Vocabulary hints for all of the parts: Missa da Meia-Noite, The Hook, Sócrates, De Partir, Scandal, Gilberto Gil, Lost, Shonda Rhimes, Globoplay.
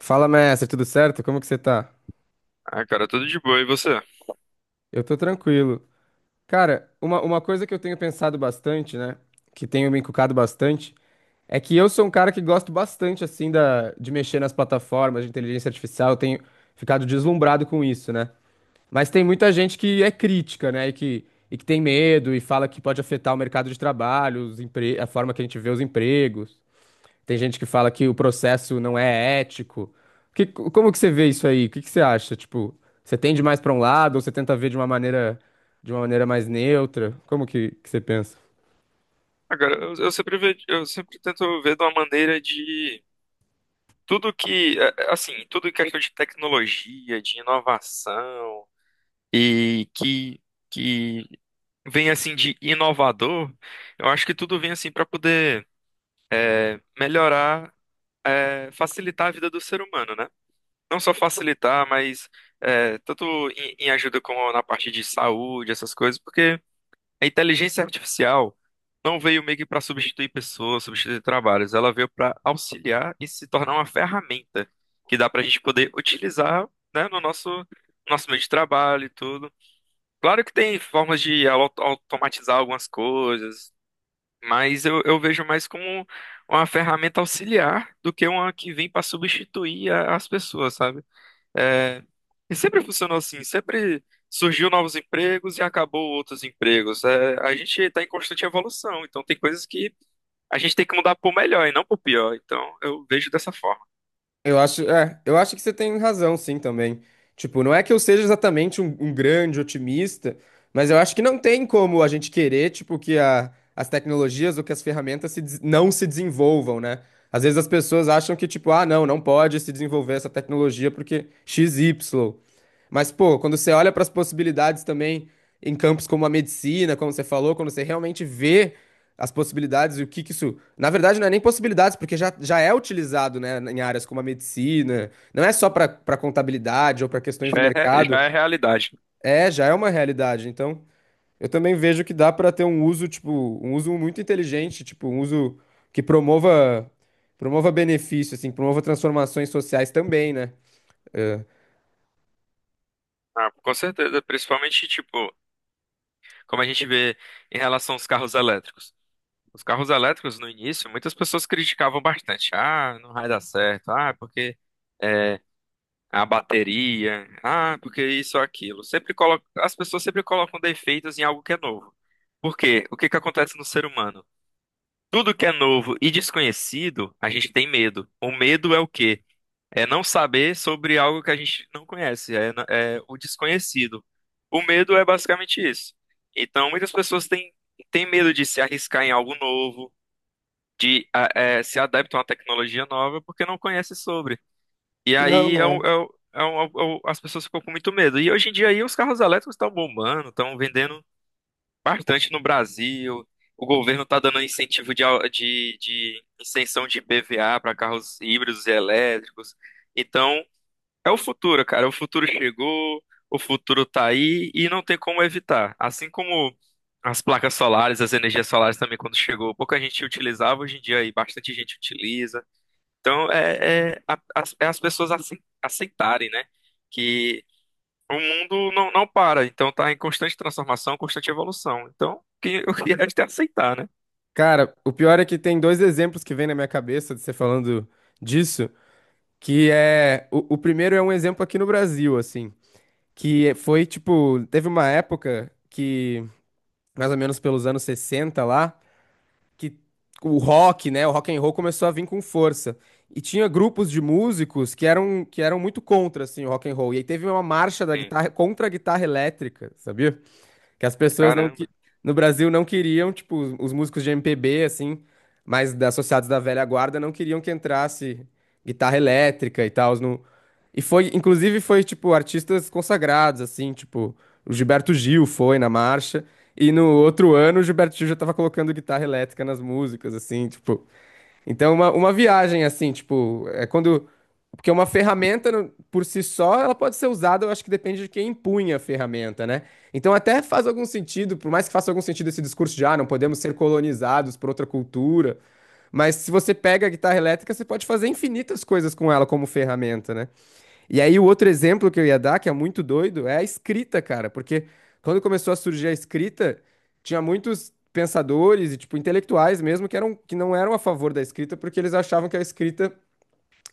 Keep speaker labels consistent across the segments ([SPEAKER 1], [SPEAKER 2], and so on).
[SPEAKER 1] Fala, mestre, tudo certo? Como que você tá?
[SPEAKER 2] Ah, cara, tudo de boa. E você?
[SPEAKER 1] Eu tô tranquilo. Cara, uma coisa que eu tenho pensado bastante, né? Que tenho me encucado bastante, é que eu sou um cara que gosto bastante, assim, de mexer nas plataformas de inteligência artificial. Eu tenho ficado deslumbrado com isso, né? Mas tem muita gente que é crítica, né? E que tem medo e fala que pode afetar o mercado de trabalho, a forma que a gente vê os empregos. Tem gente que fala que o processo não é ético. Que, como que você vê isso aí? O que que você acha? Tipo, você tende mais pra um lado ou você tenta ver de uma de uma maneira mais neutra? Que você pensa?
[SPEAKER 2] Ah, cara, eu sempre tento ver de uma maneira de tudo que, assim, tudo que é questão de tecnologia, de inovação e que vem assim de inovador, eu acho que tudo vem assim para poder melhorar facilitar a vida do ser humano, né? Não só facilitar, mas tanto em ajuda como na parte de saúde, essas coisas, porque a inteligência artificial não veio meio que para substituir pessoas, substituir trabalhos, ela veio para auxiliar e se tornar uma ferramenta que dá para a gente poder utilizar, né, no nosso meio de trabalho e tudo. Claro que tem formas de automatizar algumas coisas, mas eu vejo mais como uma ferramenta auxiliar do que uma que vem para substituir as pessoas, sabe? É, e sempre funcionou assim, sempre surgiu novos empregos e acabou outros empregos. É, a gente está em constante evolução, então tem coisas que a gente tem que mudar para o melhor e não para o pior. Então eu vejo dessa forma.
[SPEAKER 1] Eu eu acho que você tem razão, sim, também. Tipo, não é que eu seja exatamente um grande otimista, mas eu acho que não tem como a gente querer, tipo, as tecnologias ou que as ferramentas se des- não se desenvolvam, né? Às vezes as pessoas acham que, tipo, ah, não, não pode se desenvolver essa tecnologia porque x y. Mas, pô, quando você olha para as possibilidades também em campos como a medicina, como você falou, quando você realmente vê as possibilidades e o que que isso. Na verdade, não é nem possibilidades, porque já é utilizado, né, em áreas como a medicina. Não é só para para contabilidade ou para questões do
[SPEAKER 2] Já é,
[SPEAKER 1] mercado.
[SPEAKER 2] já é realidade.
[SPEAKER 1] É, já é uma realidade. Então, eu também vejo que dá para ter um uso, tipo, um uso muito inteligente, tipo, um uso que promova. Promova benefício, assim, promova transformações sociais também, né?
[SPEAKER 2] Ah, com certeza, principalmente tipo, como a gente vê em relação aos carros elétricos. Os carros elétricos no início, muitas pessoas criticavam bastante. Ah, não vai dar certo. Ah, porque é, a bateria, ah, porque isso ou aquilo. Sempre coloca, as pessoas sempre colocam defeitos em algo que é novo. Por quê? O que que acontece no ser humano? Tudo que é novo e desconhecido, a gente tem medo. O medo é o quê? É não saber sobre algo que a gente não conhece, é o desconhecido. O medo é basicamente isso. Então, têm medo de se arriscar em algo novo, de se adaptar a uma tecnologia nova, porque não conhecem sobre. E
[SPEAKER 1] Não,
[SPEAKER 2] aí
[SPEAKER 1] né?
[SPEAKER 2] as pessoas ficam com muito medo. E hoje em dia aí, os carros elétricos estão bombando, estão vendendo bastante no Brasil. O governo está dando incentivo de isenção de IPVA para carros híbridos e elétricos. Então, é o futuro, cara. O futuro chegou, o futuro tá aí e não tem como evitar. Assim como as placas solares, as energias solares também, quando chegou, pouca gente utilizava, hoje em dia aí bastante gente utiliza. Então, as pessoas aceitarem, né? Que o mundo não para, então está em constante transformação, constante evolução. Então, o que o que resta é aceitar, né?
[SPEAKER 1] Cara, o pior é que tem dois exemplos que vem na minha cabeça de você falando disso, que é o primeiro é um exemplo aqui no Brasil, assim, foi tipo, teve uma época que mais ou menos pelos anos 60 lá, que o rock, né, o rock and roll começou a vir com força. E tinha grupos de músicos que eram muito contra assim o rock and roll. E aí teve uma marcha da
[SPEAKER 2] Sim.
[SPEAKER 1] guitarra contra a guitarra elétrica, sabia? Que as pessoas não que
[SPEAKER 2] Caramba.
[SPEAKER 1] no Brasil não queriam, tipo, os músicos de MPB assim, associados da velha guarda não queriam que entrasse guitarra elétrica e tal no. E foi, inclusive foi tipo artistas consagrados assim, tipo, o Gilberto Gil foi na marcha e no outro ano o Gilberto Gil já tava colocando guitarra elétrica nas músicas assim, tipo. Então uma viagem assim, tipo, é quando porque uma ferramenta por si só, ela pode ser usada, eu acho que depende de quem empunha a ferramenta, né? Então até faz algum sentido, por mais que faça algum sentido esse discurso de, ah, não podemos ser colonizados por outra cultura, mas se você pega a guitarra elétrica, você pode fazer infinitas coisas com ela como ferramenta, né? E aí o outro exemplo que eu ia dar, que é muito doido, é a escrita, cara, porque quando começou a surgir a escrita, tinha muitos pensadores e tipo intelectuais mesmo que não eram a favor da escrita porque eles achavam que a escrita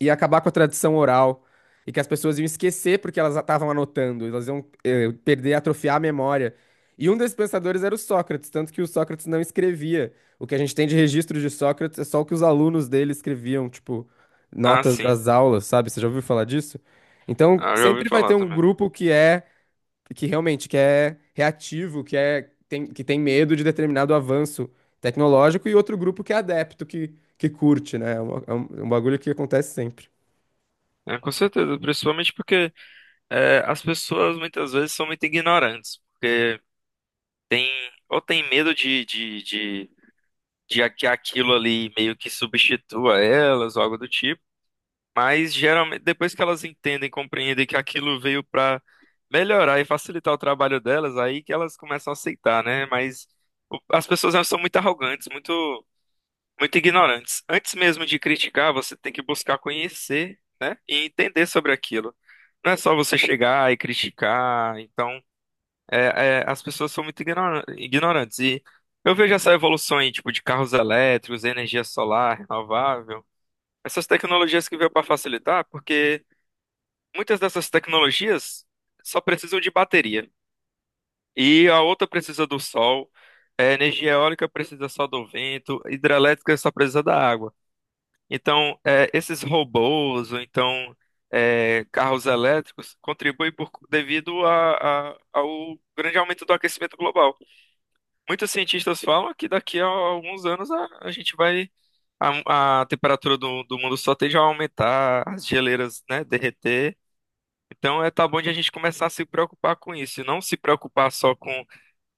[SPEAKER 1] ia acabar com a tradição oral e que as pessoas iam esquecer porque elas estavam anotando, elas iam perder, atrofiar a memória. E um desses pensadores era o Sócrates, tanto que o Sócrates não escrevia. O que a gente tem de registro de Sócrates é só o que os alunos dele escreviam, tipo,
[SPEAKER 2] Ah,
[SPEAKER 1] notas
[SPEAKER 2] sim.
[SPEAKER 1] das aulas, sabe? Você já ouviu falar disso? Então,
[SPEAKER 2] Ah, eu já ouvi
[SPEAKER 1] sempre vai ter
[SPEAKER 2] falar
[SPEAKER 1] um
[SPEAKER 2] também.
[SPEAKER 1] grupo que realmente que é reativo, que tem medo de determinado avanço tecnológico e outro grupo que é adepto, que curte, né? É é um bagulho que acontece sempre.
[SPEAKER 2] É, com certeza, principalmente porque as pessoas muitas vezes são muito ignorantes, porque tem, ou tem medo de que aquilo ali meio que substitua elas ou algo do tipo. Mas geralmente, depois que elas entendem, compreendem que aquilo veio para melhorar e facilitar o trabalho delas, aí que elas começam a aceitar, né? Mas as pessoas elas são muito arrogantes, muito ignorantes. Antes mesmo de criticar, você tem que buscar conhecer, né? E entender sobre aquilo. Não é só você chegar e criticar. Então, é, as pessoas são muito ignorantes. E eu vejo essa evolução aí, tipo, de carros elétricos, energia solar, renovável. Essas tecnologias que veio para facilitar, porque. Muitas dessas tecnologias só precisam de bateria. E a outra precisa do sol, a energia eólica precisa só do vento, hidrelétrica só precisa da água. Então, é, esses robôs, ou então é, carros elétricos, contribuem devido ao grande aumento do aquecimento global. Muitos cientistas falam que daqui a alguns anos a gente vai. A temperatura do, do mundo só tende a aumentar, as geleiras, né, derreter. Então, é, tá bom de a gente começar a se preocupar com isso, e não se preocupar só com,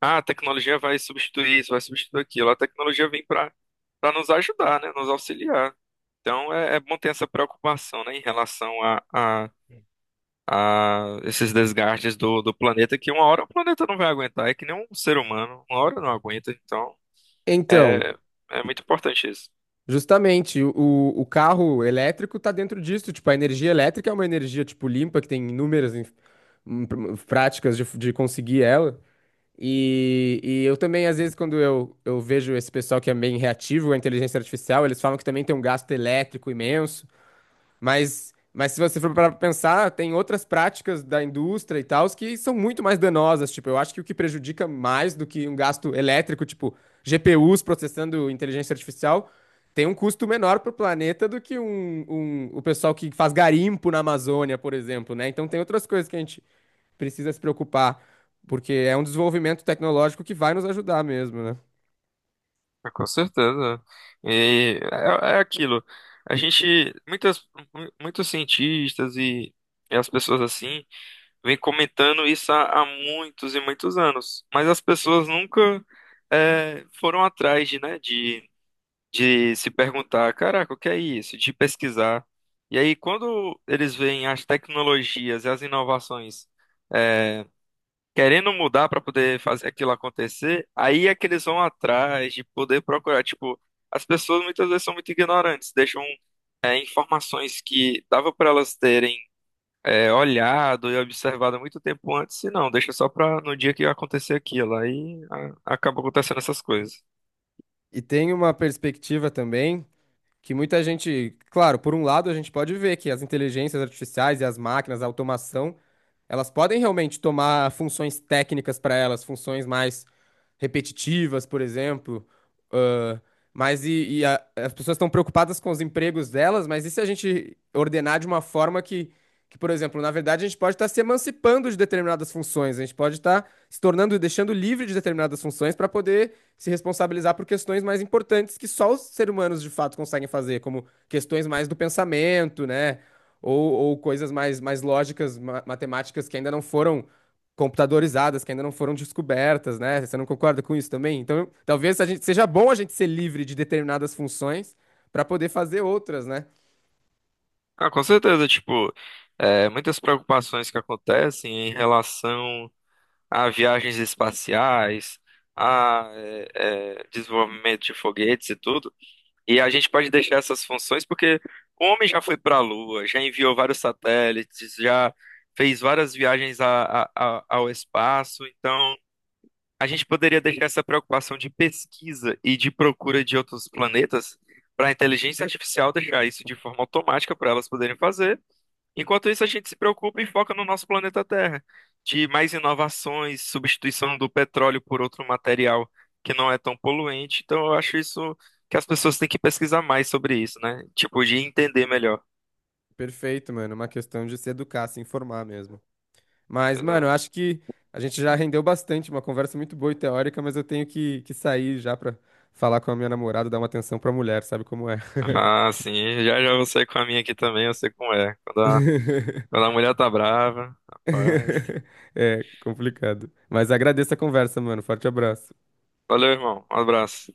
[SPEAKER 2] ah, a tecnologia vai substituir isso, vai substituir aquilo. A tecnologia vem para nos ajudar, né, nos auxiliar. Então, é, é bom ter essa preocupação, né, em relação a esses desgastes do, do planeta, que uma hora o planeta não vai aguentar, é que nem um ser humano, uma hora não aguenta. Então,
[SPEAKER 1] Então,
[SPEAKER 2] é, é muito importante isso.
[SPEAKER 1] justamente, o carro elétrico tá dentro disso. Tipo, a energia elétrica é uma energia, tipo, limpa, que tem inúmeras práticas de conseguir ela. E eu também, às vezes, quando eu vejo esse pessoal que é meio reativo à inteligência artificial, eles falam que também tem um gasto elétrico imenso. Mas se você for para pensar, tem outras práticas da indústria e tal que são muito mais danosas. Tipo, eu acho que o que prejudica mais do que um gasto elétrico, tipo GPUs processando inteligência artificial, tem um custo menor para o planeta do que o pessoal que faz garimpo na Amazônia, por exemplo, né? Então tem outras coisas que a gente precisa se preocupar, porque é um desenvolvimento tecnológico que vai nos ajudar mesmo, né?
[SPEAKER 2] Ah, com certeza. E é, é aquilo. A gente, muitas, muitos cientistas e as pessoas assim, vêm comentando isso há muitos e muitos anos. Mas as pessoas nunca foram atrás de de se perguntar, caraca, o que é isso? De pesquisar. E aí, quando eles veem as tecnologias e as inovações. é, querendo mudar para poder fazer aquilo acontecer, aí é que eles vão atrás de poder procurar. Tipo, as pessoas muitas vezes são muito ignorantes, deixam informações que dava para elas terem olhado e observado muito tempo antes, e não, deixa só para no dia que acontecer aquilo. Acaba acontecendo essas coisas.
[SPEAKER 1] E tem uma perspectiva também que muita gente, claro, por um lado a gente pode ver que as inteligências artificiais e as máquinas, a automação, elas podem realmente tomar funções técnicas para elas, funções mais repetitivas, por exemplo. ãh, mas e as pessoas estão preocupadas com os empregos delas, mas e se a gente ordenar de uma forma que, por exemplo, na verdade a gente pode estar se emancipando de determinadas funções, a gente pode estar se tornando e deixando livre de determinadas funções para poder se responsabilizar por questões mais importantes que só os seres humanos de fato conseguem fazer, como questões mais do pensamento, né? Ou coisas mais, mais lógicas, matemáticas que ainda não foram computadorizadas, que ainda não foram descobertas, né? Você não concorda com isso também? Então, seja bom a gente ser livre de determinadas funções para poder fazer outras, né?
[SPEAKER 2] Ah, com certeza, tipo, é, muitas preocupações que acontecem em relação a viagens espaciais, a desenvolvimento de foguetes e tudo. E a gente pode deixar essas funções porque o homem já foi para a Lua, já enviou vários satélites, já fez várias viagens ao espaço. Então, a gente poderia deixar essa preocupação de pesquisa e de procura de outros planetas para a inteligência artificial deixar isso de forma automática para elas poderem fazer. Enquanto isso, a gente se preocupa e foca no nosso planeta Terra, de mais inovações, substituição do petróleo por outro material que não é tão poluente. Então, eu acho isso que as pessoas têm que pesquisar mais sobre isso, né? Tipo, de entender melhor.
[SPEAKER 1] Perfeito, mano. É uma questão de se educar, se informar mesmo. Mas,
[SPEAKER 2] Pois
[SPEAKER 1] mano, eu
[SPEAKER 2] é.
[SPEAKER 1] acho que a gente já rendeu bastante, uma conversa muito boa e teórica, mas eu tenho que sair já pra falar com a minha namorada, dar uma atenção pra mulher, sabe como é?
[SPEAKER 2] Ah, sim, já já você com a minha aqui também, eu sei como é. Quando quando a mulher tá brava, rapaz.
[SPEAKER 1] É complicado. Mas agradeço a conversa, mano. Forte abraço.
[SPEAKER 2] Valeu, irmão. Um abraço.